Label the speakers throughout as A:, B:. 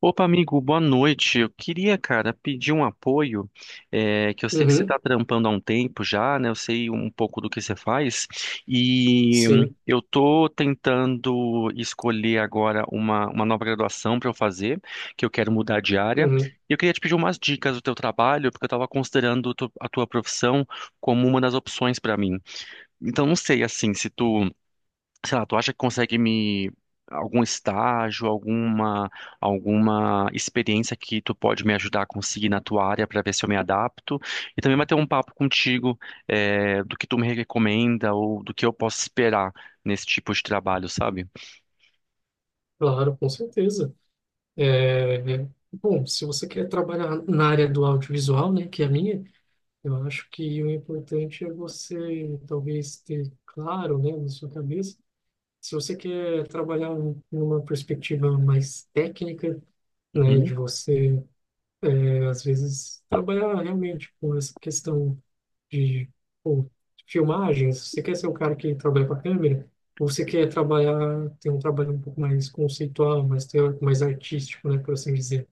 A: Opa, amigo, boa noite. Eu queria, cara, pedir um apoio, é, que eu sei que você está
B: Uhum,
A: trampando há um tempo já, né? Eu sei um pouco do que você faz, e
B: sim,
A: eu tô tentando escolher agora uma nova graduação para eu fazer, que eu quero mudar de área.
B: uhum,
A: E eu queria te pedir umas dicas do teu trabalho, porque eu estava considerando a tua profissão como uma das opções para mim. Então, não sei, assim, se tu sei lá, tu acha que consegue me algum estágio, alguma experiência que tu pode me ajudar a conseguir na tua área para ver se eu me adapto e também bater um papo contigo, do que tu me recomenda ou do que eu posso esperar nesse tipo de trabalho, sabe?
B: claro, com certeza. Bom, se você quer trabalhar na área do audiovisual, né, que é a minha, eu acho que o importante é você talvez ter claro, né, na sua cabeça, se você quer trabalhar numa perspectiva mais técnica, né,
A: Uhum.
B: de você, às vezes, trabalhar realmente com essa questão de pô, filmagens, você quer ser o cara que trabalha com a câmera, ou você quer trabalhar, ter um trabalho um pouco mais conceitual, mais teórico, mais artístico, né, por assim dizer.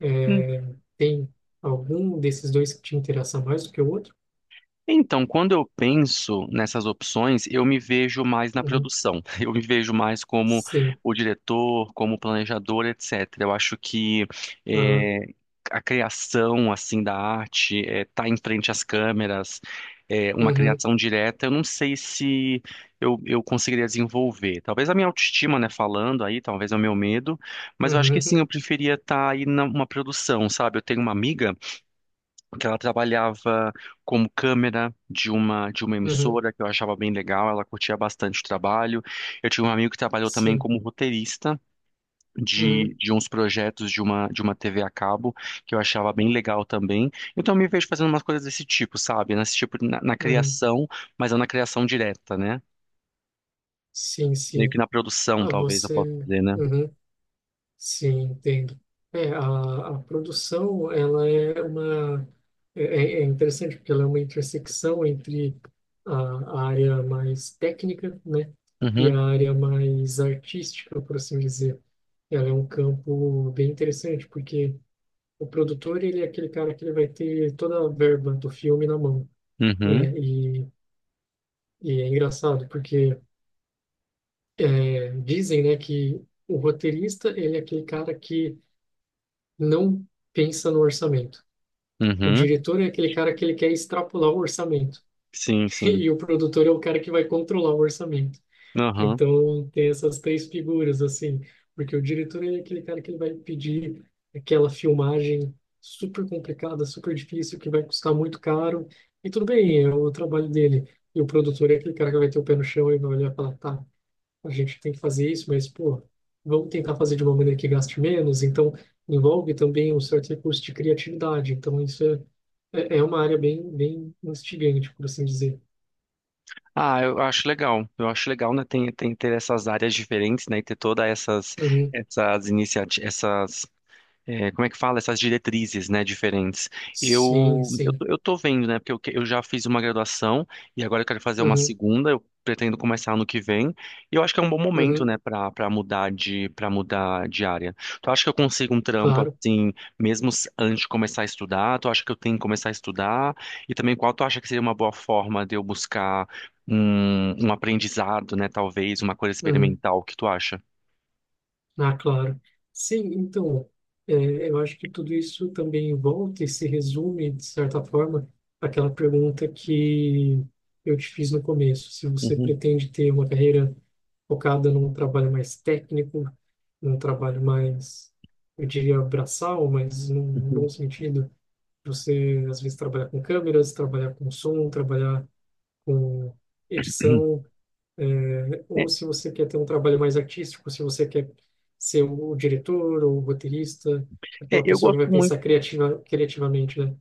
B: É, tem algum desses dois que te interessa mais do que o outro?
A: Então, quando eu penso nessas opções, eu me vejo mais na
B: Uhum.
A: produção. Eu me vejo mais como
B: Sim.
A: o diretor, como o planejador, etc. Eu acho que,
B: Aham.
A: eh, a criação assim da arte, estar em frente às câmeras, uma
B: Uhum.
A: criação direta, eu não sei se eu conseguiria desenvolver. Talvez a minha autoestima, né, falando aí, talvez é o meu medo, mas eu
B: Uhum.
A: acho que sim,
B: Uhum.
A: eu preferia estar aí numa produção, sabe? Eu tenho uma amiga que ela trabalhava como câmera de uma
B: Uhum.
A: emissora que eu achava bem legal, ela curtia bastante o trabalho. Eu tinha um amigo que trabalhou também
B: Sim.
A: como roteirista de,
B: Uhum.
A: de uns projetos de uma TV a cabo, que eu achava bem legal também. Então eu me vejo fazendo umas coisas desse tipo, sabe? Nesse tipo, na
B: Uhum.
A: criação, mas não na criação direta, né?
B: Sim,
A: Meio que
B: sim.
A: na produção,
B: Ah,
A: talvez eu possa
B: você.
A: dizer, né?
B: Uhum. Sim, entendo. É, a produção, ela é uma... É, é interessante porque ela é uma intersecção entre a área mais técnica, né? E
A: Uhum,
B: a área mais artística, por assim dizer. Ela é um campo bem interessante, porque o produtor, ele é aquele cara que ele vai ter toda a verba do filme na mão,
A: uhum,
B: né? E é engraçado, porque dizem, né, que o roteirista, ele é aquele cara que não pensa no orçamento. O
A: uhum.
B: diretor é aquele cara que ele quer extrapolar o orçamento.
A: Sim, sim.
B: E o produtor é o cara que vai controlar o orçamento.
A: Aham.
B: Então, tem essas três figuras, assim. Porque o diretor é aquele cara que ele vai pedir aquela filmagem super complicada, super difícil, que vai custar muito caro. E tudo bem, é o trabalho dele. E o produtor é aquele cara que vai ter o pé no chão e vai olhar e falar, tá, a gente tem que fazer isso, mas, pô, vamos tentar fazer de uma maneira que gaste menos. Então, envolve também um certo recurso de criatividade. Então, é uma área bem instigante, por assim dizer.
A: Ah, eu acho legal. Eu acho legal, né? Tem ter essas áreas diferentes, né? E ter todas essas
B: Uhum.
A: essas iniciativas, como é que fala, essas diretrizes, né, diferentes.
B: Sim,
A: Eu, eu,
B: sim.
A: tô- eu tô vendo, né, porque eu já fiz uma graduação e agora eu quero fazer uma
B: Uhum.
A: segunda, eu pretendo começar ano que vem. E eu acho que é um bom momento,
B: Uhum.
A: né, para mudar de área. Tu acha que eu consigo um trampo
B: Claro.
A: assim, mesmo antes de começar a estudar? Tu acha que eu tenho que começar a estudar? E também qual tu acha que seria uma boa forma de eu buscar um aprendizado, né, talvez uma coisa
B: Uhum.
A: experimental? O que tu acha?
B: Ah, claro. Sim, então, é, eu acho que tudo isso também volta e se resume, de certa forma, àquela pergunta que eu te fiz no começo. Se você
A: Uhum,
B: pretende ter uma carreira focada num trabalho mais técnico, num trabalho mais, eu diria, braçal, mas num bom
A: uhum.
B: sentido. Você, às vezes, trabalhar com câmeras, trabalhar com som, trabalhar com edição, ou
A: É,
B: se você quer ter um trabalho mais artístico, se você quer ser o diretor ou o roteirista,
A: é,
B: aquela
A: eu
B: pessoa que
A: gosto
B: vai
A: muito
B: pensar criativamente, né?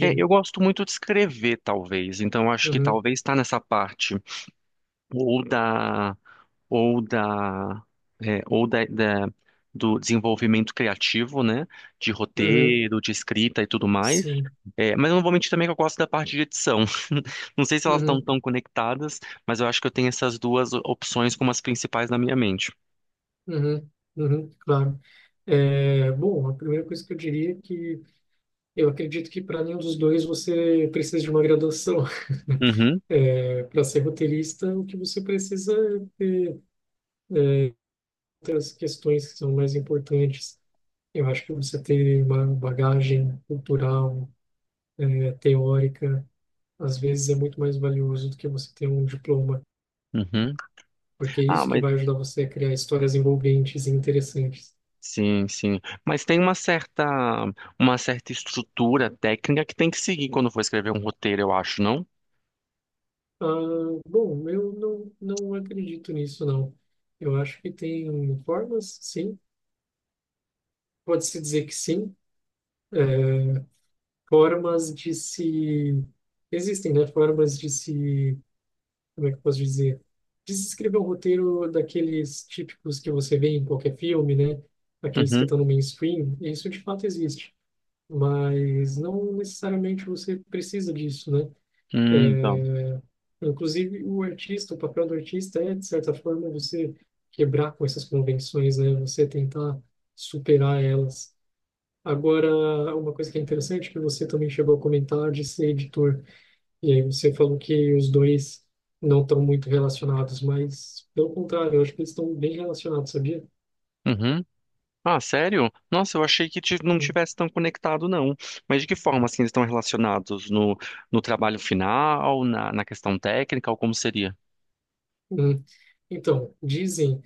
A: É, eu gosto muito de escrever, talvez. Então, eu acho que
B: Uhum,
A: talvez está nessa parte ou da ou da é, ou da, da- do desenvolvimento criativo, né? De
B: uhum,
A: roteiro, de escrita e tudo mais.
B: sim.
A: É, mas eu não vou mentir também que eu gosto da parte de edição. Não sei se elas estão
B: Uhum.
A: tão conectadas, mas eu acho que eu tenho essas duas opções como as principais na minha mente.
B: Uhum, uhum, claro. É, bom, a primeira coisa que eu diria é que eu acredito que para nenhum dos dois você precisa de uma graduação.
A: Uhum,
B: É, para ser roteirista, o que você precisa é ter outras questões que são mais importantes. Eu acho que você ter uma bagagem cultural, teórica, às vezes é muito mais valioso do que você ter um diploma,
A: uhum.
B: porque é
A: Ah,
B: isso que
A: mas
B: vai ajudar você a criar histórias envolventes e interessantes.
A: Sim, sim. Mas tem uma certa estrutura técnica que tem que seguir quando for escrever um roteiro, eu acho, não?
B: Ah, bom, eu não, não acredito nisso, não. Eu acho que tem formas, sim, pode-se dizer que sim, é, formas de se. Existem, né? Formas de se. Como é que eu posso dizer? De se escrever um roteiro daqueles típicos que você vê em qualquer filme, né? Aqueles que
A: Uhum.
B: estão no mainstream. Isso de fato existe, mas não necessariamente você precisa disso, né?
A: Então.
B: Inclusive, o artista, o papel do artista é, de certa forma, você quebrar com essas convenções, né? Você tentar superar elas. Agora, uma coisa que é interessante, que você também chegou a comentar de ser editor, e aí você falou que os dois não estão muito relacionados, mas, pelo contrário, eu acho que eles estão bem relacionados, sabia?
A: Uhum. Ah, sério? Nossa, eu achei que não
B: Hum,
A: tivesse tão conectado, não. Mas de que forma, assim, eles estão relacionados no trabalho final, na questão técnica, ou como seria?
B: hum. Então, dizem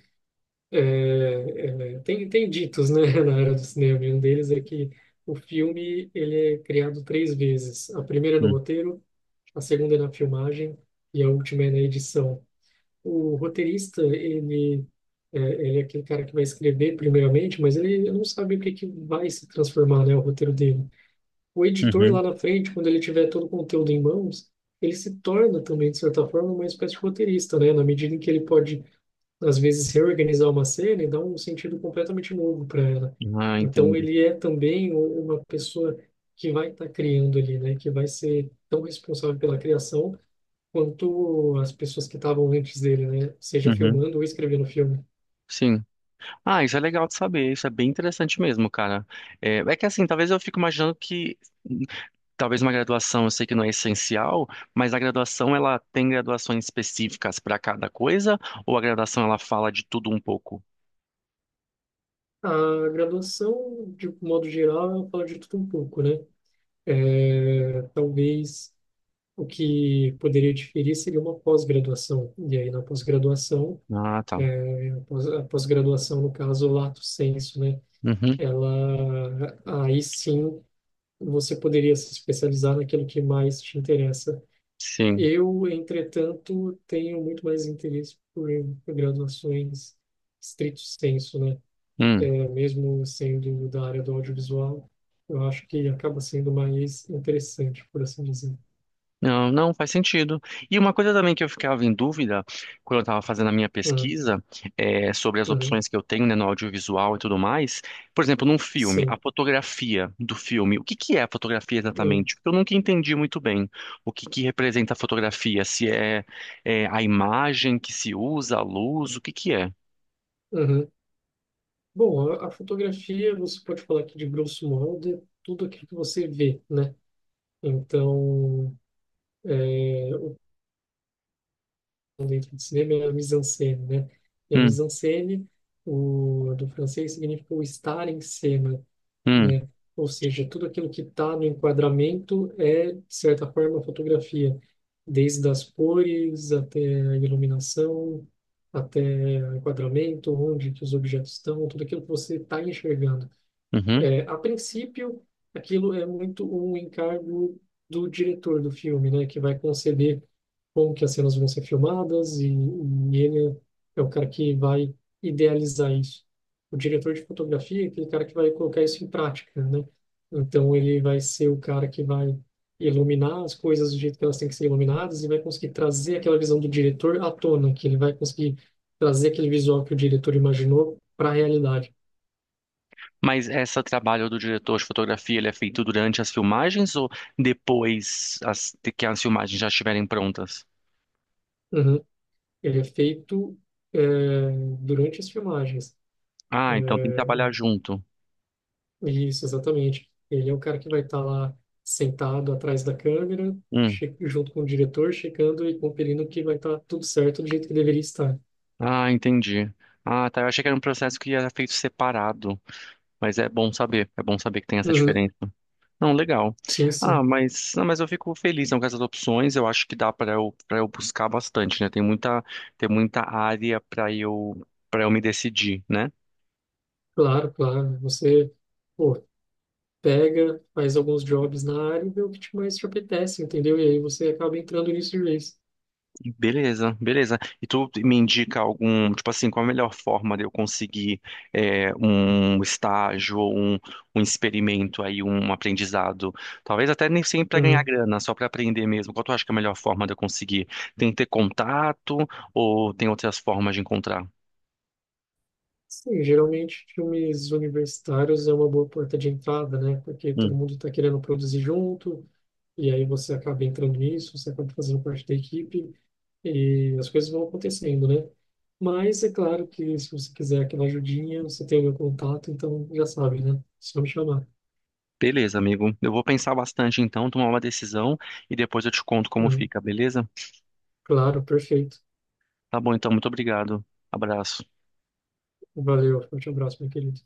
B: É, tem, ditos, né, na área do cinema, e um deles é que o filme ele é criado três vezes. A primeira é no
A: Hum,
B: roteiro, a segunda é na filmagem e a última é na edição. O roteirista, ele é aquele cara que vai escrever primeiramente, mas ele não sabe o que que vai se transformar, né, o roteiro dele. O editor
A: Uhum.
B: lá na frente, quando ele tiver todo o conteúdo em mãos, ele se torna também, de certa forma, uma espécie de roteirista, né, na medida em que ele pode às vezes reorganizar uma cena e dar um sentido completamente novo para ela.
A: Ah,
B: Então
A: entendi.
B: ele é também uma pessoa que vai estar criando ali, né? Que vai ser tão responsável pela criação quanto as pessoas que estavam antes dele, né? Seja
A: Uhum.
B: filmando ou escrevendo o filme.
A: Sim. Ah, isso é legal de saber. Isso é bem interessante mesmo, cara. É que assim, talvez eu fique imaginando que talvez uma graduação, eu sei que não é essencial, mas a graduação ela tem graduações específicas para cada coisa, ou a graduação ela fala de tudo um pouco?
B: A graduação, de modo geral, fala de tudo um pouco, né? É, talvez o que poderia diferir seria uma pós-graduação. E aí, na pós-graduação,
A: Ah, tá.
B: a pós-graduação, no caso, o lato sensu, né?
A: Uhum.
B: Ela aí sim você poderia se especializar naquilo que mais te interessa.
A: Sim.
B: Eu, entretanto, tenho muito mais interesse por graduações stricto sensu, né?
A: Hum.
B: É, mesmo sendo da área do audiovisual, eu acho que acaba sendo mais interessante, por assim dizer.
A: Não, não faz sentido. E uma coisa também que eu ficava em dúvida quando eu estava fazendo a minha
B: Hum,
A: pesquisa, sobre as
B: hum,
A: opções que eu tenho, né, no audiovisual e tudo mais. Por exemplo, num filme, a
B: sim.
A: fotografia do filme. O que que é a fotografia
B: Hum,
A: exatamente? Porque eu nunca entendi muito bem o que que representa a fotografia. Se é, a imagem que se usa, a luz, o que que é?
B: uhum. Bom, a fotografia, você pode falar que de grosso modo é tudo aquilo que você vê, né? Então, é, livro de cinema é a mise-en-scène, né? E a
A: Hum,
B: mise-en-scène, do francês, significa o estar em cena,
A: hum,
B: né? Ou seja, tudo aquilo que está no enquadramento é, de certa forma, fotografia, desde as cores até a iluminação, até o enquadramento, onde que os objetos estão, tudo aquilo que você está enxergando.
A: uhum.
B: É, a princípio, aquilo é muito um encargo do diretor do filme, né, que vai conceber como que as cenas vão ser filmadas e ele é o cara que vai idealizar isso. O diretor de fotografia é aquele cara que vai colocar isso em prática, né? Então ele vai ser o cara que vai iluminar as coisas do jeito que elas têm que ser iluminadas e vai conseguir trazer aquela visão do diretor à tona, que ele vai conseguir trazer aquele visual que o diretor imaginou para a realidade.
A: Mas esse trabalho do diretor de fotografia, ele é feito durante as filmagens ou depois que as filmagens já estiverem prontas?
B: Uhum. Ele é feito é, durante as filmagens.
A: Ah, então tem que
B: É,
A: trabalhar junto.
B: isso, exatamente. Ele é o cara que vai estar lá sentado atrás da câmera,
A: Hum.
B: junto com o diretor, checando e conferindo que vai estar tudo certo do jeito que deveria estar.
A: Ah, entendi. Ah, tá. Eu achei que era um processo que era feito separado, mas é bom saber. É bom saber que tem essa
B: Uhum.
A: diferença. Não, legal.
B: Sim, sim.
A: Ah, mas, não, mas eu fico feliz, não, com essas opções. Eu acho que dá para eu buscar bastante, né? Tem muita área para eu me decidir, né?
B: Claro, claro. Você, pô, pega, faz alguns jobs na área e vê o que mais te apetece, entendeu? E aí você acaba entrando nisso de vez.
A: Beleza, beleza. E tu me indica algum, tipo assim, qual a melhor forma de eu conseguir, um estágio, ou um experimento aí, um aprendizado? Talvez até nem sempre para ganhar
B: Uhum.
A: grana, só para aprender mesmo. Qual tu acha que é a melhor forma de eu conseguir? Tem que ter contato ou tem outras formas de encontrar?
B: Sim, geralmente filmes universitários é uma boa porta de entrada, né? Porque todo
A: Hum,
B: mundo está querendo produzir junto, e aí você acaba entrando nisso, você acaba fazendo parte da equipe, e as coisas vão acontecendo, né? Mas é claro que se você quiser aquela ajudinha, você tem o meu contato, então já sabe, né? É só me chamar.
A: Beleza, amigo. Eu vou pensar bastante então, tomar uma decisão e depois eu te conto como
B: Uhum.
A: fica, beleza?
B: Claro, perfeito.
A: Tá bom, então, muito obrigado. Abraço.
B: Valeu, forte abraço, meu querido.